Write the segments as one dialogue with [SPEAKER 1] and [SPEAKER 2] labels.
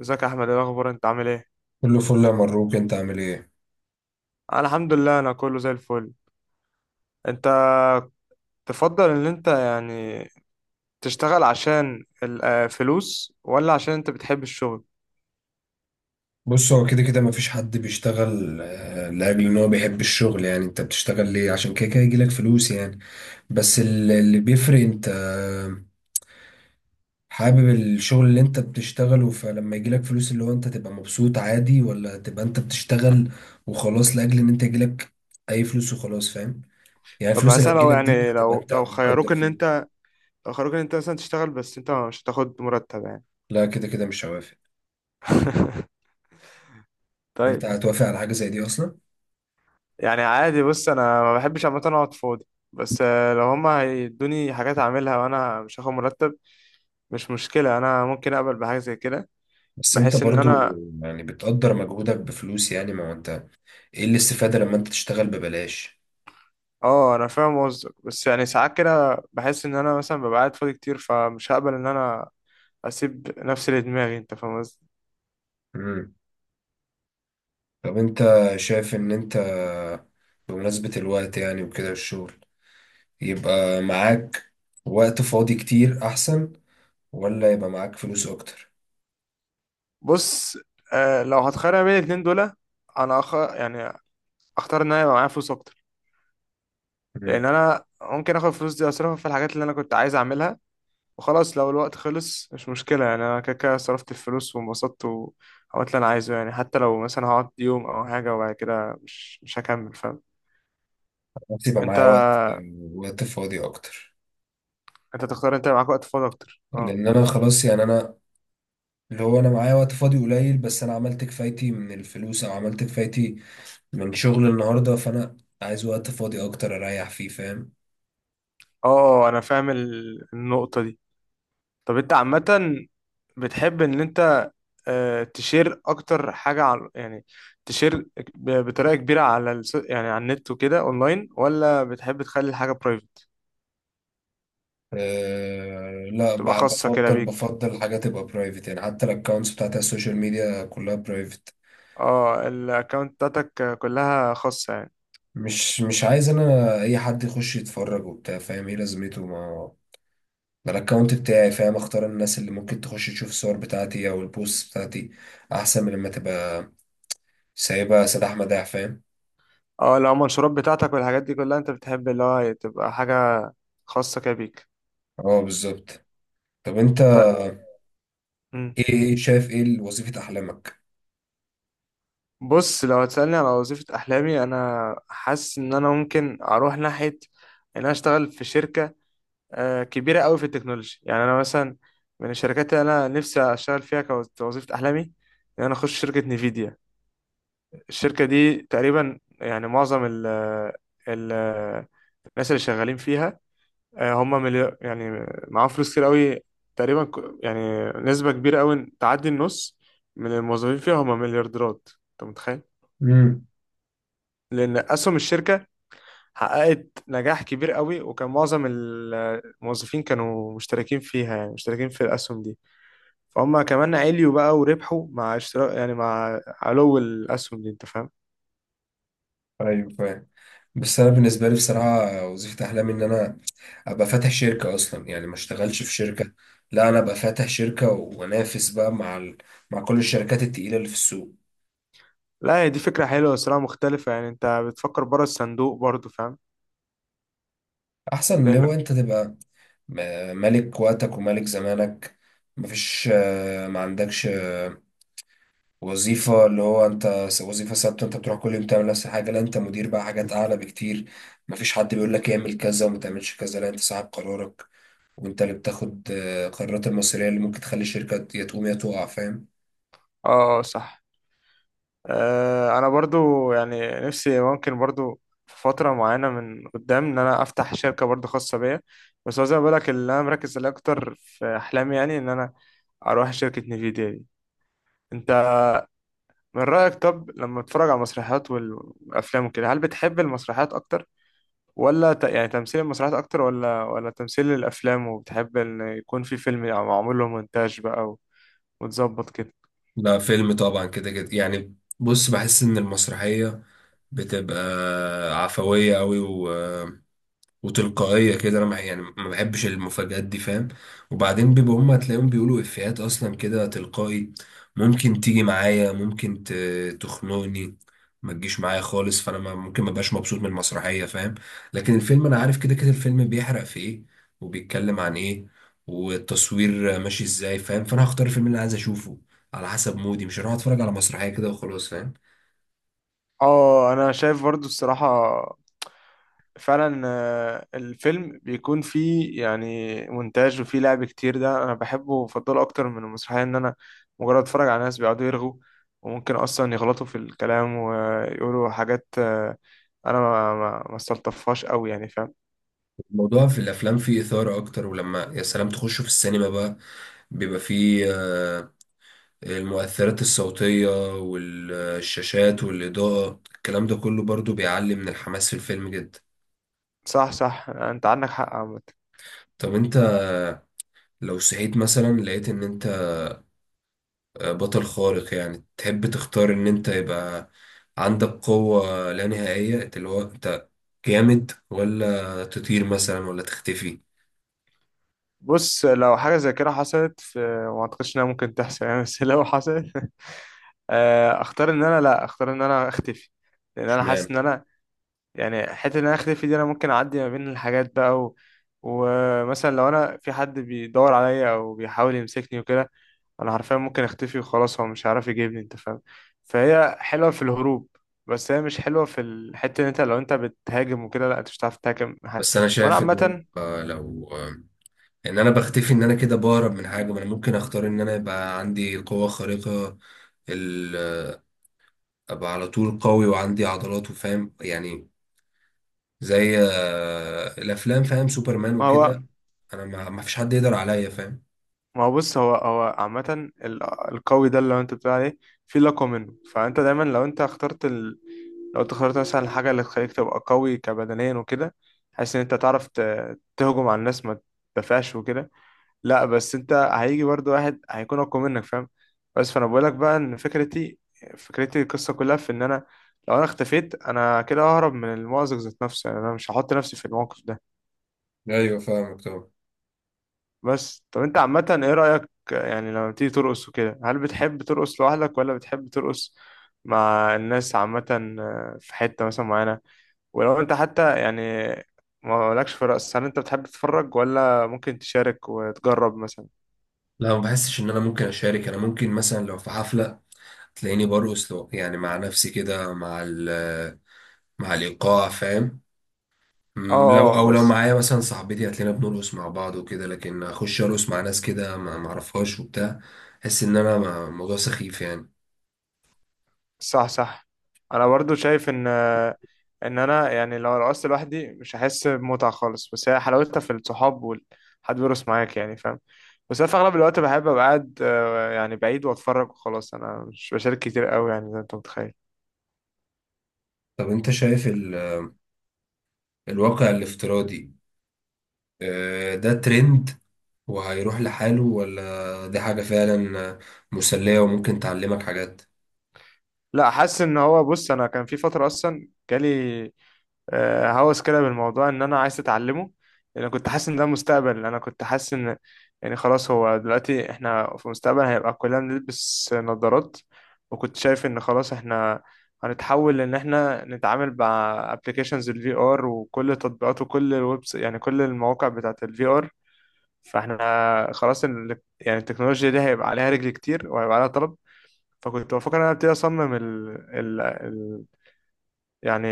[SPEAKER 1] ازيك يا احمد، ايه الاخبار؟ انت عامل ايه؟
[SPEAKER 2] كله فل يا مروك، انت عامل ايه؟
[SPEAKER 1] انا الحمد لله، انا كله زي الفل. انت؟ تفضل ان انت، يعني، تشتغل عشان الفلوس ولا عشان انت بتحب الشغل؟
[SPEAKER 2] بص هو كده كده مفيش حد بيشتغل لاجل ان هو بيحب الشغل، يعني انت بتشتغل ليه؟ عشان كده كده يجيلك فلوس يعني. اللي بيفرق انت حابب الشغل اللي انت بتشتغله، فلما يجيلك فلوس اللي هو انت تبقى مبسوط عادي، ولا تبقى انت بتشتغل وخلاص لاجل ان انت يجيلك اي فلوس وخلاص، فاهم؟ يعني
[SPEAKER 1] طب
[SPEAKER 2] الفلوس اللي
[SPEAKER 1] مثلا لو
[SPEAKER 2] هتجيلك دي
[SPEAKER 1] يعني
[SPEAKER 2] هتبقى
[SPEAKER 1] لو
[SPEAKER 2] انت
[SPEAKER 1] لو
[SPEAKER 2] مقدر
[SPEAKER 1] خيروك ان
[SPEAKER 2] فيها.
[SPEAKER 1] انت، مثلا تشتغل بس انت مش هتاخد مرتب يعني؟
[SPEAKER 2] لا كده كده مش هوافق. انت
[SPEAKER 1] طيب.
[SPEAKER 2] هتوافق على حاجة زي دي اصلا؟
[SPEAKER 1] يعني عادي. بص، انا ما بحبش عامه اقعد فاضي، بس لو هما هيدوني حاجات اعملها وانا مش هاخد مرتب، مش مشكله. انا ممكن اقبل بحاجه زي كده،
[SPEAKER 2] بس انت
[SPEAKER 1] بحيث ان
[SPEAKER 2] برضو
[SPEAKER 1] انا...
[SPEAKER 2] يعني بتقدر مجهودك بفلوس، يعني ما هو انت، ايه الاستفادة لما انت تشتغل ببلاش؟
[SPEAKER 1] اه، انا فاهم قصدك، بس يعني ساعات كده بحس ان انا مثلا ببقى قاعد فاضي كتير، فمش هقبل ان انا اسيب نفسي لدماغي. انت فاهم قصدي؟
[SPEAKER 2] مم. طب انت شايف ان انت بمناسبة الوقت يعني وكده والشغل، يبقى معاك وقت فاضي كتير احسن، ولا يبقى معاك فلوس اكتر؟
[SPEAKER 1] بص، لو هتخير ما بين الاتنين دول، انا يعني اختار ان انا يبقى معايا فلوس اكتر.
[SPEAKER 2] مم.
[SPEAKER 1] لان انا ممكن اخد الفلوس دي اصرفها في الحاجات اللي انا كنت عايز اعملها، وخلاص. لو الوقت خلص مش مشكله، يعني انا كده كده صرفت الفلوس وانبسطت وعملت اللي انا عايزه. يعني حتى لو مثلا هقعد يوم او حاجه وبعد كده مش هكمل، فاهم؟
[SPEAKER 2] خلاص يبقى
[SPEAKER 1] انت
[SPEAKER 2] معايا وقت، وقت فاضي اكتر.
[SPEAKER 1] انت تختار انت يبقى معاك وقت فاضي اكتر، اه.
[SPEAKER 2] لان انا خلاص يعني انا اللي هو انا معايا وقت فاضي قليل، بس انا عملت كفايتي من الفلوس او عملت كفايتي من شغل النهارده، فانا عايز وقت فاضي اكتر اريح فيه، فاهم؟
[SPEAKER 1] اه، انا فاهم النقطة دي. طب انت عامة بتحب ان انت، تشير اكتر حاجة على، يعني، تشير بطريقة كبيرة على يعني على النت وكده اونلاين، ولا بتحب تخلي الحاجة برايفت،
[SPEAKER 2] أه لا
[SPEAKER 1] تبقى خاصة كده
[SPEAKER 2] بفضل
[SPEAKER 1] بيك؟
[SPEAKER 2] بفضل حاجه تبقى برايفت، يعني حتى الاكونتس بتاعت السوشيال ميديا كلها برايفت.
[SPEAKER 1] اه، الاكونت بتاعتك كلها خاصة يعني.
[SPEAKER 2] مش عايز انا اي حد يخش يتفرج وبتاع، فاهم ايه لازمته؟ ما الاكونت بتاعي، فاهم، اختار الناس اللي ممكن تخش تشوف الصور بتاعتي او البوست بتاعتي، احسن من لما تبقى سايبها سداح مداح، فاهم؟
[SPEAKER 1] اه، لو المنشورات بتاعتك والحاجات دي كلها انت بتحب اللي هو تبقى حاجة خاصة كده بيك.
[SPEAKER 2] اه بالظبط. طب انت
[SPEAKER 1] طيب. مم.
[SPEAKER 2] ايه شايف ايه وظيفه احلامك؟
[SPEAKER 1] بص لو هتسألني على وظيفة أحلامي، أنا حاسس إن أنا ممكن أروح ناحية إن أنا أشتغل في شركة كبيرة أوي في التكنولوجي. يعني أنا مثلا من الشركات اللي أنا نفسي أشتغل فيها كوظيفة أحلامي إن أنا أخش شركة نيفيديا. الشركة دي تقريبا، يعني، معظم ال الناس اللي شغالين فيها، هم مليار، يعني معاهم فلوس كتير أوي. تقريبا يعني نسبة كبيرة أوي تعدي النص من الموظفين فيها هم مليارديرات، أنت متخيل؟
[SPEAKER 2] مم.
[SPEAKER 1] لأن أسهم الشركة حققت نجاح كبير قوي، وكان معظم الموظفين كانوا مشتركين فيها، يعني مشتركين في الأسهم دي، فهم كمان عليوا بقى وربحوا مع اشتراك، يعني مع علو الأسهم دي، أنت فاهم
[SPEAKER 2] ايوه فاهم. بس انا بالنسبه لي بصراحه وظيفه احلامي ان انا ابقى فاتح شركه اصلا، يعني ما اشتغلش في شركه. لا انا ابقى فاتح شركه وانافس بقى مع كل الشركات التقيله اللي في السوق.
[SPEAKER 1] لا هي دي فكرة حلوة الصراحة مختلفة يعني أنت بتفكر بره الصندوق برضو فاهم؟
[SPEAKER 2] احسن من اللي هو
[SPEAKER 1] لأنك...
[SPEAKER 2] انت تبقى ملك وقتك وملك زمانك. مفيش ما عندكش وظيفه اللي هو انت وظيفه ثابته انت بتروح كل يوم تعمل نفس الحاجه. لا انت مدير بقى حاجات اعلى بكتير. مفيش حد بيقول لك اعمل كذا وما تعملش كذا، لا انت صاحب قرارك، وانت اللي بتاخد قرارات المصيرية اللي ممكن تخلي الشركة يا تقوم يا تقع، فاهم؟
[SPEAKER 1] آه آه، صح. أنا برضو يعني نفسي ممكن برضو في فترة معينة من قدام إن أنا أفتح شركة برضو خاصة بيا، بس هو زي ما بقولك اللي أنا مركز عليه أكتر في أحلامي، يعني إن أنا أروح شركة نيفيديا دي. انت، من رأيك طب لما تتفرج على المسرحيات والافلام وكده، هل بتحب المسرحيات اكتر، ولا يعني تمثيل المسرحيات اكتر، ولا تمثيل الافلام، وبتحب ان يكون في فيلم معمول له مونتاج بقى وتظبط كده؟
[SPEAKER 2] ده فيلم طبعا كده كده يعني. بص بحس ان المسرحية بتبقى عفوية قوي وتلقائية كده، انا يعني ما بحبش المفاجآت دي، فاهم؟ وبعدين بيبقى هم هتلاقيهم بيقولوا افيهات اصلا كده تلقائي، ممكن تيجي معايا ممكن تخنقني، ما تجيش معايا خالص، فانا ممكن ما بقاش مبسوط من المسرحية، فاهم؟ لكن الفيلم انا عارف كده كده الفيلم بيحرق في ايه وبيتكلم عن ايه والتصوير ماشي ازاي، فاهم؟ فانا هختار الفيلم اللي عايز اشوفه على حسب مودي، مش هروح اتفرج على مسرحية كده وخلاص، فاهم؟
[SPEAKER 1] اه، انا شايف برضو الصراحة، فعلا الفيلم بيكون فيه يعني مونتاج وفيه لعب كتير، ده انا بحبه وبفضله اكتر من المسرحيه. ان انا مجرد اتفرج على ناس بيقعدوا يرغوا وممكن اصلا يغلطوا في الكلام ويقولوا حاجات، انا ما استلطفهاش قوي يعني، فاهم؟
[SPEAKER 2] الموضوع في الافلام فيه اثارة اكتر، ولما يا سلام تخشوا في السينما بقى، بيبقى فيه المؤثرات الصوتية والشاشات والإضاءة، الكلام ده كله برضو بيعلي من الحماس في الفيلم جدا.
[SPEAKER 1] صح، صح، انت عندك حق عامة.
[SPEAKER 2] طب انت لو صحيت مثلا لقيت ان انت بطل خارق، يعني تحب تختار ان انت يبقى عندك قوة لا نهائية اللي هو انت جامد، ولا تطير مثلا، ولا تختفي؟
[SPEAKER 1] بص لو حاجه زي كده حصلت، في، ما اعتقدش انها ممكن تحصل يعني، بس لو حصلت اختار ان انا، لا، اختار ان انا اختفي. لان انا حاسس
[SPEAKER 2] اشمعنى؟
[SPEAKER 1] ان انا، يعني، حتة ان انا اختفي دي، انا ممكن اعدي ما بين الحاجات بقى، و... ومثلا لو انا في حد بيدور عليا او بيحاول يمسكني وكده، انا حرفيا ممكن اختفي وخلاص. هو مش هيعرف يجيبني، انت فاهم؟ فهي حلوة في الهروب، بس هي مش حلوة في الحتة ان انت لو انت بتهاجم وكده، لا، انت مش هتعرف تهاجم حد.
[SPEAKER 2] بس انا
[SPEAKER 1] وانا
[SPEAKER 2] شايف ان
[SPEAKER 1] عامة،
[SPEAKER 2] آه، لو آه، ان انا بختفي ان انا كده بهرب من حاجة، ما انا ممكن اختار ان انا يبقى عندي قوة خارقة، ال- ابقى على طول قوي وعندي عضلات، وفاهم يعني زي الافلام، فاهم؟ سوبرمان
[SPEAKER 1] ما هو
[SPEAKER 2] وكده، انا ما فيش حد يقدر عليا، فاهم؟
[SPEAKER 1] ما هو بص، هو عامة القوي ده اللي انت بتقول عليه في لقب منه، فانت دايما لو انت لو انت اخترت مثلا الحاجة اللي تخليك تبقى قوي كبدنيا وكده، حاسس ان انت تعرف تهجم على الناس، ما تدافعش وكده. لا بس انت هيجي برضو واحد هيكون اقوى منك، فاهم؟ بس فانا بقولك بقى ان فكرتي القصة كلها في ان انا لو انا اختفيت انا كده ههرب من المأزق ذات نفسه، يعني انا مش هحط نفسي في الموقف ده.
[SPEAKER 2] ايوه فاهمك طبعا.
[SPEAKER 1] بس طب انت عامة ايه رأيك يعني لما بتيجي ترقص وكده، هل بتحب ترقص لوحدك، ولا بتحب ترقص مع الناس عامة؟ في حتة مثلا معينة، ولو انت حتى يعني ما لكش في الرقص، هل انت بتحب تتفرج، ولا ممكن تشارك وتجرب مثلا؟
[SPEAKER 2] لا ما بحسش ان انا ممكن اشارك. انا ممكن مثلا لو في حفله تلاقيني برقص، يعني مع نفسي كده مع الايقاع، فاهم؟
[SPEAKER 1] اه،
[SPEAKER 2] لو
[SPEAKER 1] اه،
[SPEAKER 2] او لو
[SPEAKER 1] بس،
[SPEAKER 2] معايا مثلا صاحبتي هتلاقينا بنرقص مع بعض وكده، لكن اخش ارقص مع ناس كده ما اعرفهاش وبتاع، احس ان انا الموضوع سخيف يعني.
[SPEAKER 1] صح، صح. انا برضو شايف ان انا يعني لو رقصت لوحدي مش هحس بمتعه خالص، بس هي حلاوتها في الصحاب والحد بيرقص معاك يعني، فاهم؟ بس انا في اغلب الوقت بحب ابقى قاعد يعني بعيد واتفرج وخلاص. انا مش بشارك كتير قوي يعني، زي ما انت متخيل.
[SPEAKER 2] طب انت شايف الواقع الافتراضي ده ترند وهيروح لحاله، ولا دي حاجة فعلا مسلية وممكن تعلمك حاجات؟
[SPEAKER 1] لا، حاسس ان هو، بص انا كان في فتره اصلا جالي هوس كده بالموضوع ان انا عايز اتعلمه. لان كنت حاسس ان ده مستقبل. انا كنت حاسس ان، يعني، خلاص هو دلوقتي احنا في المستقبل، هيبقى كلنا بنلبس نظارات. وكنت شايف ان خلاص احنا هنتحول ان احنا نتعامل مع ابلكيشنز الفي ار وكل تطبيقات وكل الويب، يعني كل المواقع بتاعت الفي ار. فاحنا خلاص يعني التكنولوجيا دي هيبقى عليها رجل كتير وهيبقى عليها طلب. فكنت بفكر ان انا ابتدي اصمم ال... ال... يعني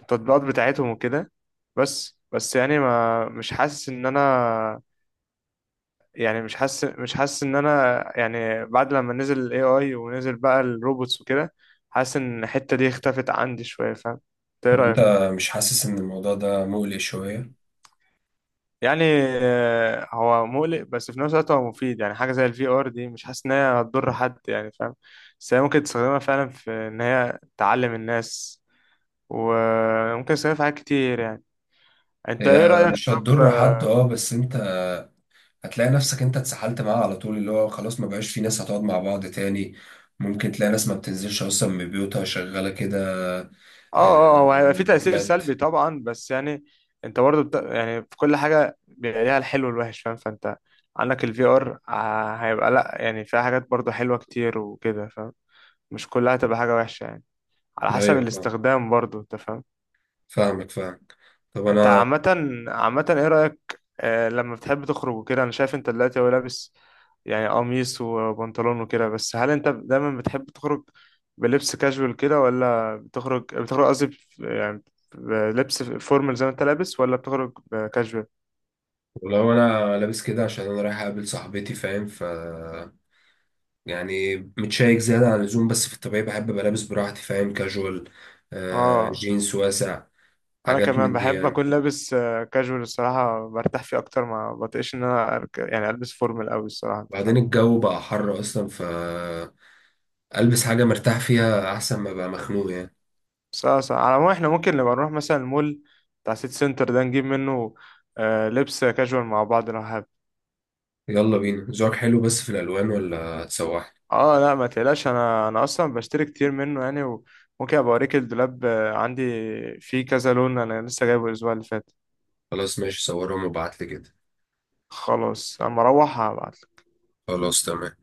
[SPEAKER 1] التطبيقات بتاعتهم وكده. بس يعني ما مش حاسس ان انا، يعني مش حاسس ان انا، يعني بعد لما نزل الاي اي ونزل بقى الروبوتس وكده، حاسس ان الحتة دي اختفت عندي شوية، فاهم؟ إنت ايه
[SPEAKER 2] طب انت
[SPEAKER 1] رأيك؟
[SPEAKER 2] مش حاسس ان الموضوع ده مقلق شوية؟
[SPEAKER 1] يعني هو مقلق، بس في نفس الوقت هو مفيد. يعني حاجة زي الفي ار دي مش حاسس ان هي هتضر حد يعني، فاهم؟ بس هي ممكن تستخدمها فعلا في ان هي تعلم الناس، وممكن تستخدمها في حاجات كتير يعني. انت ايه
[SPEAKER 2] هي
[SPEAKER 1] رأيك
[SPEAKER 2] مش
[SPEAKER 1] طب؟
[SPEAKER 2] هتضر حد اه، بس انت هتلاقي نفسك انت اتسحلت معاه على طول اللي هو خلاص ما بقاش في ناس هتقعد مع بعض تاني. ممكن تلاقي ناس ما بتنزلش اصلا من بيوتها شغالة كده.
[SPEAKER 1] اه، اه، هو هيبقى في تأثير
[SPEAKER 2] مقابلات.
[SPEAKER 1] سلبي طبعا، بس يعني انت برضه يعني في كل حاجة بيبقى ليها الحلو والوحش، فاهم؟ فانت عندك الفي ار هيبقى، لا، يعني فيها حاجات برضه حلوة كتير وكده، فاهم؟ مش كلها تبقى حاجة وحشة يعني، على حسب
[SPEAKER 2] ايوه فاهم.
[SPEAKER 1] الاستخدام برضه، انت فاهم.
[SPEAKER 2] فاهمك فاهمك. طب
[SPEAKER 1] انت
[SPEAKER 2] انا،
[SPEAKER 1] عامة، عامة ايه رأيك لما بتحب تخرج وكده؟ انا شايف انت دلوقتي هو لابس يعني قميص وبنطلون وكده، بس هل انت دايما بتحب تخرج بلبس كاجوال كده، ولا بتخرج قصدي يعني بلبس فورمال زي ما انت لابس، ولا بتخرج كاجوال؟
[SPEAKER 2] لو انا لابس كده عشان انا رايح اقابل صاحبتي، فاهم؟ ف يعني متشيك زيادة عن اللزوم، بس في الطبيعي بحب أبقى لابس براحتي، فاهم؟ كاجوال، آه
[SPEAKER 1] اه،
[SPEAKER 2] جينز واسع،
[SPEAKER 1] انا
[SPEAKER 2] حاجات
[SPEAKER 1] كمان
[SPEAKER 2] من دي
[SPEAKER 1] بحب
[SPEAKER 2] يعني.
[SPEAKER 1] اكون لابس كاجوال، الصراحة برتاح فيه اكتر. ما بطيقش ان انا يعني البس فورمال قوي الصراحة، انت
[SPEAKER 2] بعدين
[SPEAKER 1] فاهم.
[SPEAKER 2] الجو بقى حر أصلا، فألبس حاجة مرتاح فيها أحسن ما أبقى مخنوق يعني.
[SPEAKER 1] سا سا على العموم احنا ممكن نبقى نروح مثلا المول بتاع سيتي سنتر ده، نجيب منه لبس كاجوال مع بعض لو حابب.
[SPEAKER 2] يلا بينا. زوج حلو بس في الألوان ولا هتسوحني؟
[SPEAKER 1] اه، لا، ما تقلقش. انا اصلا بشتري كتير منه يعني، وممكن ابقى اوريك الدولاب. عندي فيه كذا لون، انا لسه جايبه الاسبوع اللي فات.
[SPEAKER 2] خلاص ماشي، صورهم وابعتلي كده.
[SPEAKER 1] خلاص، اما اروح هبعت.
[SPEAKER 2] خلاص تمام.